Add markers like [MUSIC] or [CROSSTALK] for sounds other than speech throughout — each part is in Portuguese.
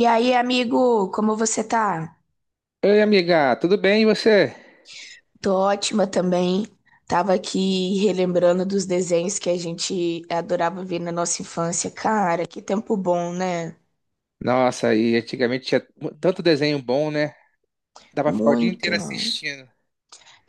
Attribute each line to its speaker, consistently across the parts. Speaker 1: E aí, amigo, como você tá?
Speaker 2: Oi, amiga, tudo bem e você?
Speaker 1: Tô ótima também. Tava aqui relembrando dos desenhos que a gente adorava ver na nossa infância. Cara, que tempo bom, né?
Speaker 2: Nossa, e antigamente tinha tanto desenho bom, né? Dava pra ficar o dia
Speaker 1: Muito.
Speaker 2: inteiro assistindo.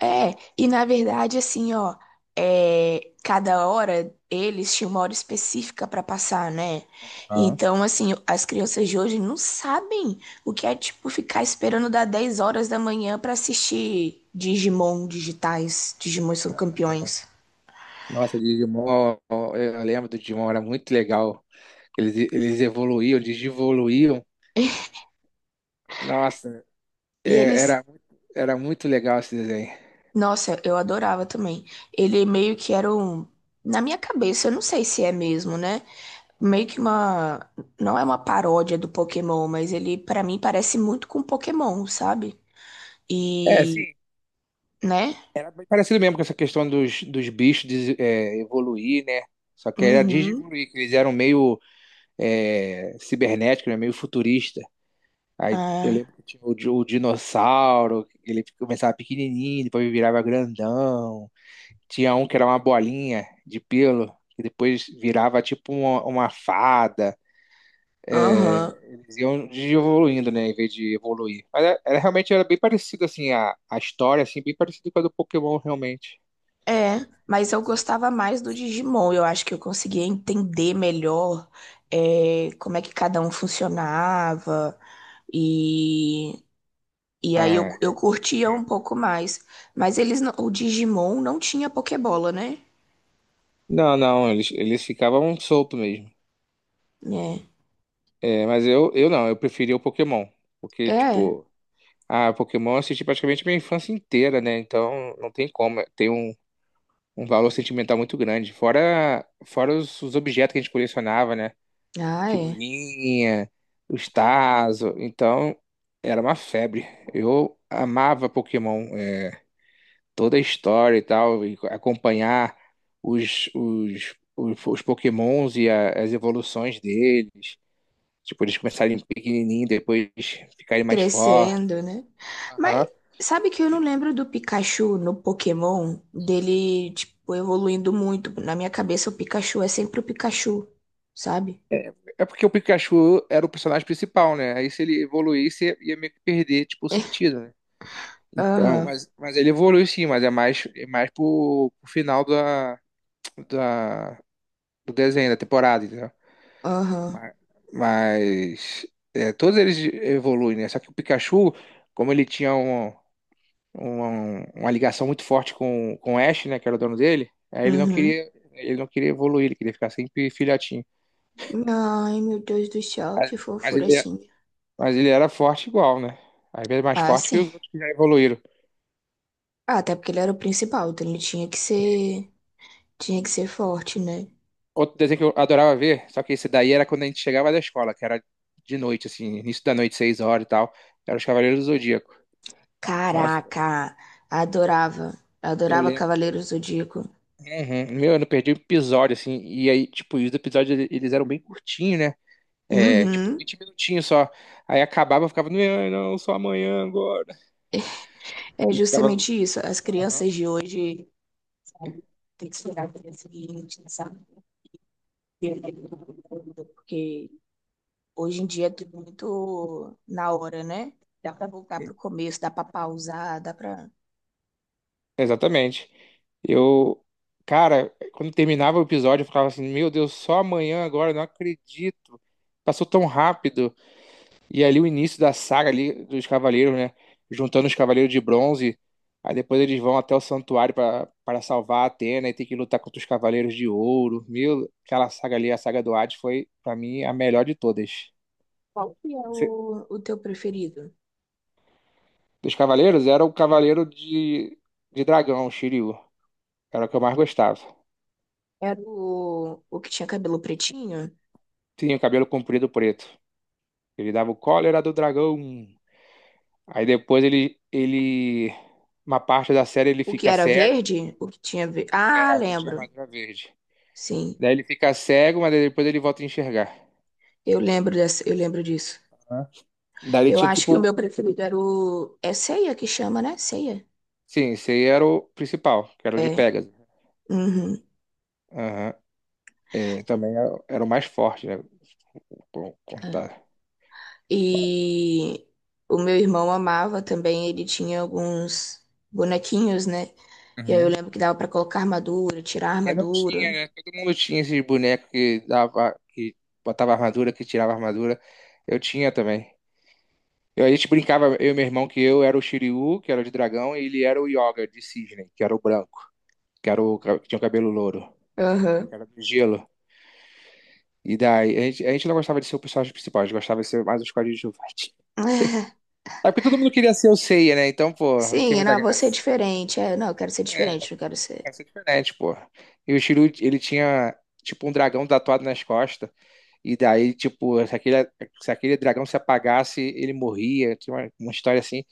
Speaker 1: É, e na verdade, assim, ó, é, cada hora eles tinham uma hora específica pra passar, né?
Speaker 2: Ah,
Speaker 1: Então, assim, as crianças de hoje não sabem o que é, tipo, ficar esperando dar 10 horas da manhã pra assistir Digimon digitais. Digimon são campeões.
Speaker 2: nossa, Digimon, ó, eu lembro do Digimon, era muito legal. Eles evoluíam, eles evoluíam. Nossa,
Speaker 1: E
Speaker 2: é,
Speaker 1: eles,
Speaker 2: era, era muito legal esse desenho.
Speaker 1: nossa, eu adorava também. Ele meio que era um, na minha cabeça, eu não sei se é mesmo, né? Meio que uma, não é uma paródia do Pokémon, mas ele pra mim parece muito com Pokémon, sabe?
Speaker 2: É,
Speaker 1: E,
Speaker 2: sim,
Speaker 1: né?
Speaker 2: era bem parecido mesmo com essa questão dos bichos evoluir, né? Só que era
Speaker 1: Uhum.
Speaker 2: digievoluir, que eles eram meio cibernéticos, né? Meio futurista. Aí eu
Speaker 1: É.
Speaker 2: lembro que tinha o dinossauro, que ele começava pequenininho, depois virava grandão. Tinha um que era uma bolinha de pelo, que depois virava tipo uma fada.
Speaker 1: Aham.
Speaker 2: Eles iam evoluindo, né, em vez de evoluir. Mas realmente era bem parecido, assim, a história, assim, bem parecida com a do Pokémon, realmente.
Speaker 1: É, mas eu gostava mais do Digimon. Eu acho que eu conseguia entender melhor é, como é que cada um funcionava e E aí eu,
Speaker 2: Ah,
Speaker 1: eu
Speaker 2: eu-
Speaker 1: curtia um
Speaker 2: É.
Speaker 1: pouco mais. Mas eles não- o Digimon não tinha Pokébola, né?
Speaker 2: Não, não, eles ficavam soltos mesmo.
Speaker 1: É.
Speaker 2: É, mas eu não, eu preferia o Pokémon. Porque,
Speaker 1: É.
Speaker 2: tipo, ah, Pokémon eu assisti praticamente minha infância inteira, né? Então não tem como. Tem um valor sentimental muito grande. Fora os objetos que a gente colecionava, né?
Speaker 1: Ah, é.
Speaker 2: Figurinha, os Tazo. Então era uma febre. Eu amava Pokémon. Toda a história e tal. E acompanhar os Pokémons e as evoluções deles. Tipo, eles começarem pequenininho, depois ficarem mais fortes.
Speaker 1: Crescendo, né? Mas
Speaker 2: Aham.
Speaker 1: sabe que eu não lembro do Pikachu no Pokémon? Dele, tipo, evoluindo muito. Na minha cabeça, o Pikachu é sempre o Pikachu, sabe?
Speaker 2: É porque o Pikachu era o personagem principal, né? Aí se ele evoluísse, ia meio que perder, tipo, o sentido, né? Então,
Speaker 1: Aham,
Speaker 2: mas ele evoluiu sim, mas é mais pro final da, do desenho, da temporada, entendeu?
Speaker 1: aham,
Speaker 2: Mas é, todos eles evoluem, né? Só que o Pikachu, como ele tinha uma ligação muito forte com o Ash, né? Que era o dono dele, aí
Speaker 1: uhum.
Speaker 2: ele não queria evoluir, ele queria ficar sempre filhotinho.
Speaker 1: Ai, meu Deus do céu,
Speaker 2: Mas,
Speaker 1: que
Speaker 2: mas
Speaker 1: fofura
Speaker 2: ele,
Speaker 1: assim.
Speaker 2: Mas ele era forte igual, né? Às vezes mais
Speaker 1: Ah,
Speaker 2: forte que
Speaker 1: sim.
Speaker 2: os outros que já evoluíram.
Speaker 1: Ah, até porque ele era o principal, então ele tinha que ser forte, né?
Speaker 2: Outro desenho que eu adorava ver, só que esse daí era quando a gente chegava da escola, que era de noite, assim, início da noite, 6 horas e tal. Era os Cavaleiros do Zodíaco. Nossa,
Speaker 1: Caraca, adorava.
Speaker 2: eu
Speaker 1: Adorava
Speaker 2: lembro.
Speaker 1: Cavaleiros do Zodíaco.
Speaker 2: Uhum. Meu, eu não perdi um episódio, assim. E aí, tipo, os eles eram bem curtinhos, né? É, tipo,
Speaker 1: Uhum.
Speaker 2: 20 minutinhos só. Aí acabava, eu ficava, não, não, só amanhã agora.
Speaker 1: É
Speaker 2: E ficava.
Speaker 1: justamente isso. As
Speaker 2: Aham.
Speaker 1: crianças de hoje, sabe, tem que esperar para o dia seguinte, sabe? Porque hoje em dia é tudo muito na hora, né? Dá para voltar para o começo, dá para pausar, dá para.
Speaker 2: Exatamente. Eu, cara, quando terminava o episódio, eu ficava assim, meu Deus, só amanhã agora, não acredito. Passou tão rápido. E ali o início da saga ali dos cavaleiros, né? Juntando os cavaleiros de bronze. Aí depois eles vão até o santuário para para salvar a Atena e tem que lutar contra os cavaleiros de ouro. Meu, aquela saga ali, a saga do Hades, foi para mim a melhor de todas.
Speaker 1: Qual que é
Speaker 2: Você-
Speaker 1: o teu preferido?
Speaker 2: Dos cavaleiros era o
Speaker 1: É,
Speaker 2: cavaleiro de dragão, o Shiryu. Era o que eu mais gostava.
Speaker 1: era o que tinha cabelo pretinho?
Speaker 2: Tinha o cabelo comprido preto. Ele dava o cólera do dragão. Aí depois uma parte da série ele
Speaker 1: O que
Speaker 2: fica
Speaker 1: era
Speaker 2: cego,
Speaker 1: verde? O que tinha. Ve- Ah,
Speaker 2: aqui tinha
Speaker 1: lembro.
Speaker 2: armadura verde.
Speaker 1: Sim.
Speaker 2: Daí ele fica cego, mas depois ele volta a enxergar.
Speaker 1: Eu lembro dessa, eu lembro disso.
Speaker 2: Né? Daí ele
Speaker 1: Eu
Speaker 2: tinha
Speaker 1: acho que o
Speaker 2: tipo,
Speaker 1: meu preferido era o. É ceia que chama, né? Ceia.
Speaker 2: sim, esse aí era o principal, que era o de
Speaker 1: É.
Speaker 2: Pegasus.
Speaker 1: Uhum.
Speaker 2: Aham. É, também era, era o mais forte, né?
Speaker 1: É.
Speaker 2: Contar.
Speaker 1: E o meu irmão amava também, ele tinha alguns bonequinhos, né? E aí eu
Speaker 2: Uhum.
Speaker 1: lembro que dava pra colocar armadura, tirar
Speaker 2: E não tinha,
Speaker 1: armadura.
Speaker 2: né? Todo mundo tinha esses bonecos que dava, que botava armadura, que tirava armadura. Eu tinha também. A gente brincava, eu e meu irmão, que eu era o Shiryu, que era de dragão, e ele era o Yoga de cisne, que era o branco, que era o que tinha o cabelo louro,
Speaker 1: Aham. [LAUGHS]
Speaker 2: que era do gelo. E daí, a gente não gostava de ser o personagem principal, a gente gostava de ser mais os coadjuvantes.
Speaker 1: É.
Speaker 2: É porque todo mundo queria ser o Seiya, né? Então, pô, não tinha
Speaker 1: Sim,
Speaker 2: muita
Speaker 1: não, vou ser
Speaker 2: graça.
Speaker 1: diferente. É, não, eu quero ser
Speaker 2: É,
Speaker 1: diferente, não quero ser.
Speaker 2: essa é diferente, pô. E o Shiryu, ele tinha, tipo, um dragão tatuado nas costas. E daí, tipo, se aquele dragão se apagasse, ele morria. Tinha uma história assim.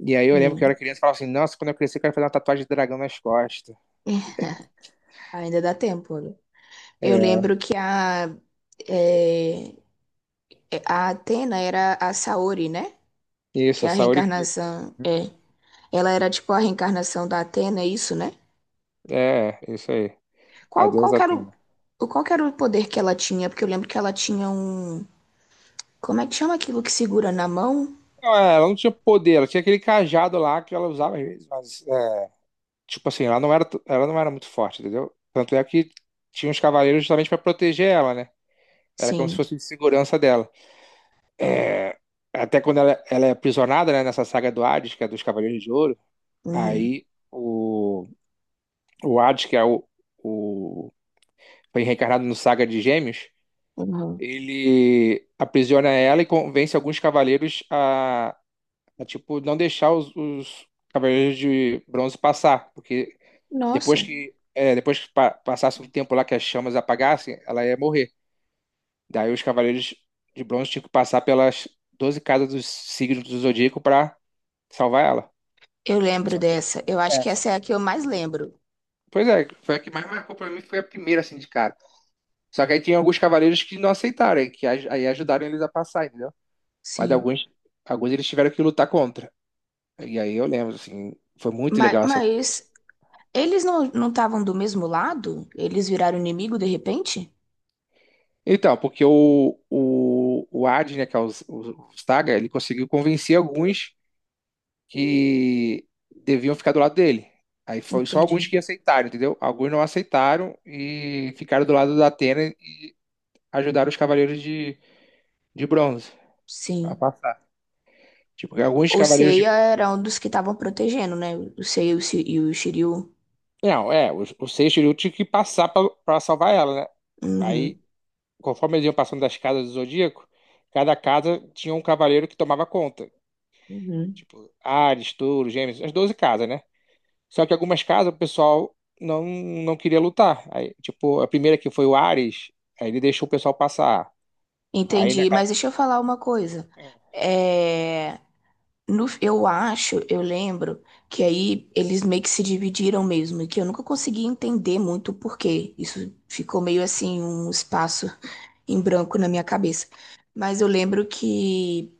Speaker 2: E aí eu lembro que eu
Speaker 1: Hum.
Speaker 2: era criança e falava assim, nossa, quando eu crescer eu quero fazer uma tatuagem de dragão nas costas.
Speaker 1: É. [LAUGHS] Ainda dá tempo, olha. Eu
Speaker 2: É,
Speaker 1: lembro que a. é, é, a Atena era a Saori, né? Que
Speaker 2: isso, a
Speaker 1: a
Speaker 2: Saori Kido.
Speaker 1: reencarnação é. Ela era tipo a reencarnação da Atena, é isso, né?
Speaker 2: É, isso aí.
Speaker 1: Qual, qual
Speaker 2: Adeus,
Speaker 1: que era
Speaker 2: Atena.
Speaker 1: o- qual que era o poder que ela tinha? Porque eu lembro que ela tinha um. Como é que chama aquilo que segura na mão?
Speaker 2: Não, é, ela não tinha poder, ela tinha aquele cajado lá que ela usava às vezes, mas, é, tipo assim, ela não era muito forte, entendeu? Tanto é que tinha os cavaleiros justamente pra proteger ela, né? Era como se
Speaker 1: Sim.
Speaker 2: fosse de segurança dela. É, até quando ela é aprisionada, né, nessa saga do Hades, que é dos Cavaleiros de Ouro,
Speaker 1: Uhum.
Speaker 2: aí o, o Hades, que é o, foi reencarnado no Saga de Gêmeos,
Speaker 1: Uhum.
Speaker 2: ele aprisiona ela e convence alguns cavaleiros tipo, não deixar os cavaleiros de bronze passar, porque
Speaker 1: Nossa,
Speaker 2: depois que passasse um tempo lá que as chamas apagassem, ela ia morrer. Daí os cavaleiros de bronze tinham que passar pelas 12 casas dos signos do zodíaco para salvar ela.
Speaker 1: eu lembro
Speaker 2: Só que,
Speaker 1: dessa. Eu acho
Speaker 2: é,
Speaker 1: que
Speaker 2: só
Speaker 1: essa é
Speaker 2: que-
Speaker 1: a que eu mais lembro.
Speaker 2: Pois é, foi a que mais marcou pra mim, foi a primeira, assim, de cara. Só que aí tinha alguns cavaleiros que não aceitaram, aí ajudaram eles a passar, entendeu? Mas
Speaker 1: Sim.
Speaker 2: alguns, alguns eles tiveram que lutar contra. E aí eu lembro, assim, foi muito legal essa.
Speaker 1: Mas
Speaker 2: essa-
Speaker 1: eles não estavam do mesmo lado? Eles viraram inimigo de repente?
Speaker 2: Então, porque o Adi, né, que é o Staga, ele conseguiu convencer alguns que deviam ficar do lado dele. Aí foi só alguns
Speaker 1: Entendi.
Speaker 2: que aceitaram, entendeu? Alguns não aceitaram e ficaram do lado da Atena ajudaram os cavaleiros de bronze a
Speaker 1: Sim.
Speaker 2: passar. Tipo, porque alguns
Speaker 1: O
Speaker 2: cavaleiros de.
Speaker 1: Seiya era um dos que estavam protegendo, né? O Seiya e o Shi- e o Shiryu.
Speaker 2: Não, é, os seis Seixiryu tinha que passar pra salvar ela, né?
Speaker 1: Uhum,
Speaker 2: Aí, conforme eles iam passando das casas do Zodíaco, cada casa tinha um cavaleiro que tomava conta.
Speaker 1: uhum.
Speaker 2: Tipo, Ares, Touro, Gêmeos, as 12 casas, né? Só que algumas casas o pessoal não, não queria lutar. Aí, tipo, a primeira que foi o Ares, aí ele deixou o pessoal passar. Aí na
Speaker 1: Entendi,
Speaker 2: casa.
Speaker 1: mas deixa eu falar uma coisa. É, no, eu acho, eu lembro que aí eles meio que se dividiram mesmo, e que eu nunca consegui entender muito o porquê. Isso ficou meio assim, um espaço [LAUGHS] em branco na minha cabeça. Mas eu lembro que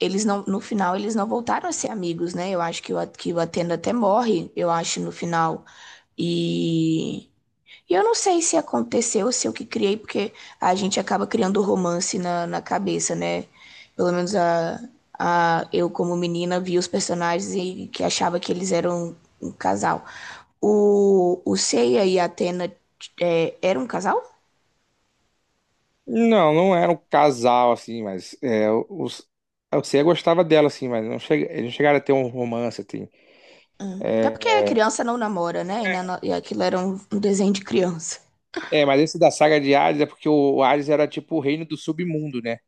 Speaker 1: eles não, no final eles não voltaram a ser amigos, né? Eu acho que o, A- que o Atena até morre, eu acho, no final. E eu não sei se aconteceu, se eu que criei, porque a gente acaba criando romance na, na cabeça, né? Pelo menos a, eu, como menina, vi os personagens e que achava que eles eram um casal. O Seiya e a Atena é, eram um casal?
Speaker 2: Não, não era um casal, assim, mas é, os, eu sei, gostava dela, assim, mas não chega, eles não chegaram a ter um romance, assim.
Speaker 1: Hum. Até porque a
Speaker 2: É,
Speaker 1: criança não namora, né? E, na
Speaker 2: é,
Speaker 1: no- e aquilo era um, um desenho de criança.
Speaker 2: é, mas esse da saga de Hades é porque o Hades era, tipo, o reino do submundo, né?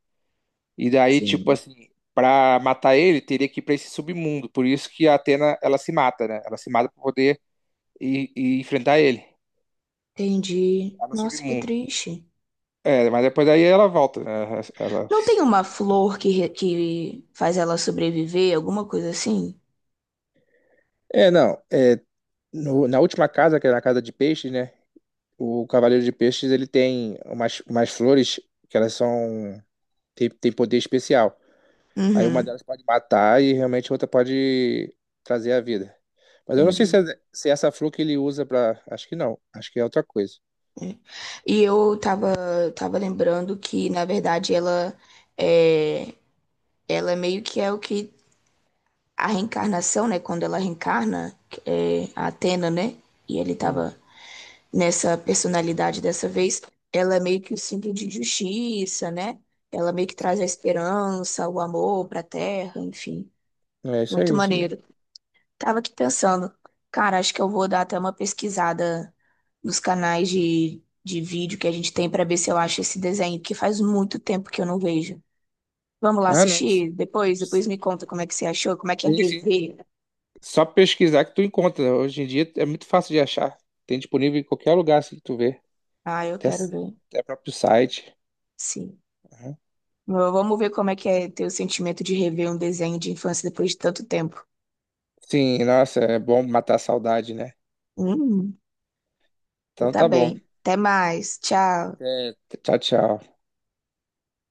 Speaker 2: E daí, tipo,
Speaker 1: Sim,
Speaker 2: assim, pra matar ele, teria que ir pra esse submundo. Por isso que a Atena, ela se mata, né? Ela se mata pra poder ir enfrentar ele
Speaker 1: entendi.
Speaker 2: lá no
Speaker 1: Nossa, que
Speaker 2: submundo.
Speaker 1: triste.
Speaker 2: É, mas depois daí ela volta, né? Ela...
Speaker 1: Não tem uma flor que, re- que faz ela sobreviver, alguma coisa assim?
Speaker 2: É, não, é, na última casa, que era a casa de peixe, né? O Cavaleiro de Peixes, ele tem umas flores que elas são... tem poder especial. Aí uma
Speaker 1: Uhum.
Speaker 2: delas pode matar e realmente a outra pode trazer a vida. Mas eu não sei se,
Speaker 1: Entendi.
Speaker 2: é, se é essa flor que ele usa pra... Acho que não. Acho que é outra coisa.
Speaker 1: É. E eu tava, tava lembrando que, na verdade, ela é, ela meio que é o que a reencarnação, né? Quando ela reencarna, é, a Atena, né? E ele
Speaker 2: Uhum,
Speaker 1: tava nessa personalidade dessa vez, ela é meio que o símbolo de justiça, né? Ela meio que traz a
Speaker 2: sim.
Speaker 1: esperança, o amor pra terra, enfim.
Speaker 2: É isso
Speaker 1: Muito
Speaker 2: aí, isso mesmo.
Speaker 1: maneiro. Tava aqui pensando, cara, acho que eu vou dar até uma pesquisada dos canais de vídeo que a gente tem para ver se eu acho esse desenho, que faz muito tempo que eu não vejo. Vamos lá
Speaker 2: Ah, não.
Speaker 1: assistir depois? Depois me conta como é que você achou, como é que é
Speaker 2: Sim, sim.
Speaker 1: rever.
Speaker 2: Só pesquisar que tu encontra. Hoje em dia é muito fácil de achar. Tem disponível em qualquer lugar, assim, que tu vê.
Speaker 1: Ah, eu
Speaker 2: Até,
Speaker 1: quero ver.
Speaker 2: até próprio site.
Speaker 1: Sim.
Speaker 2: Uhum.
Speaker 1: V- Vamos ver como é que é ter o sentimento de rever um desenho de infância depois de tanto tempo.
Speaker 2: Sim, nossa, é bom matar a saudade, né?
Speaker 1: Hum,
Speaker 2: Então
Speaker 1: tá
Speaker 2: tá bom.
Speaker 1: bem. Até mais. Tchau.
Speaker 2: Até. Tchau, tchau.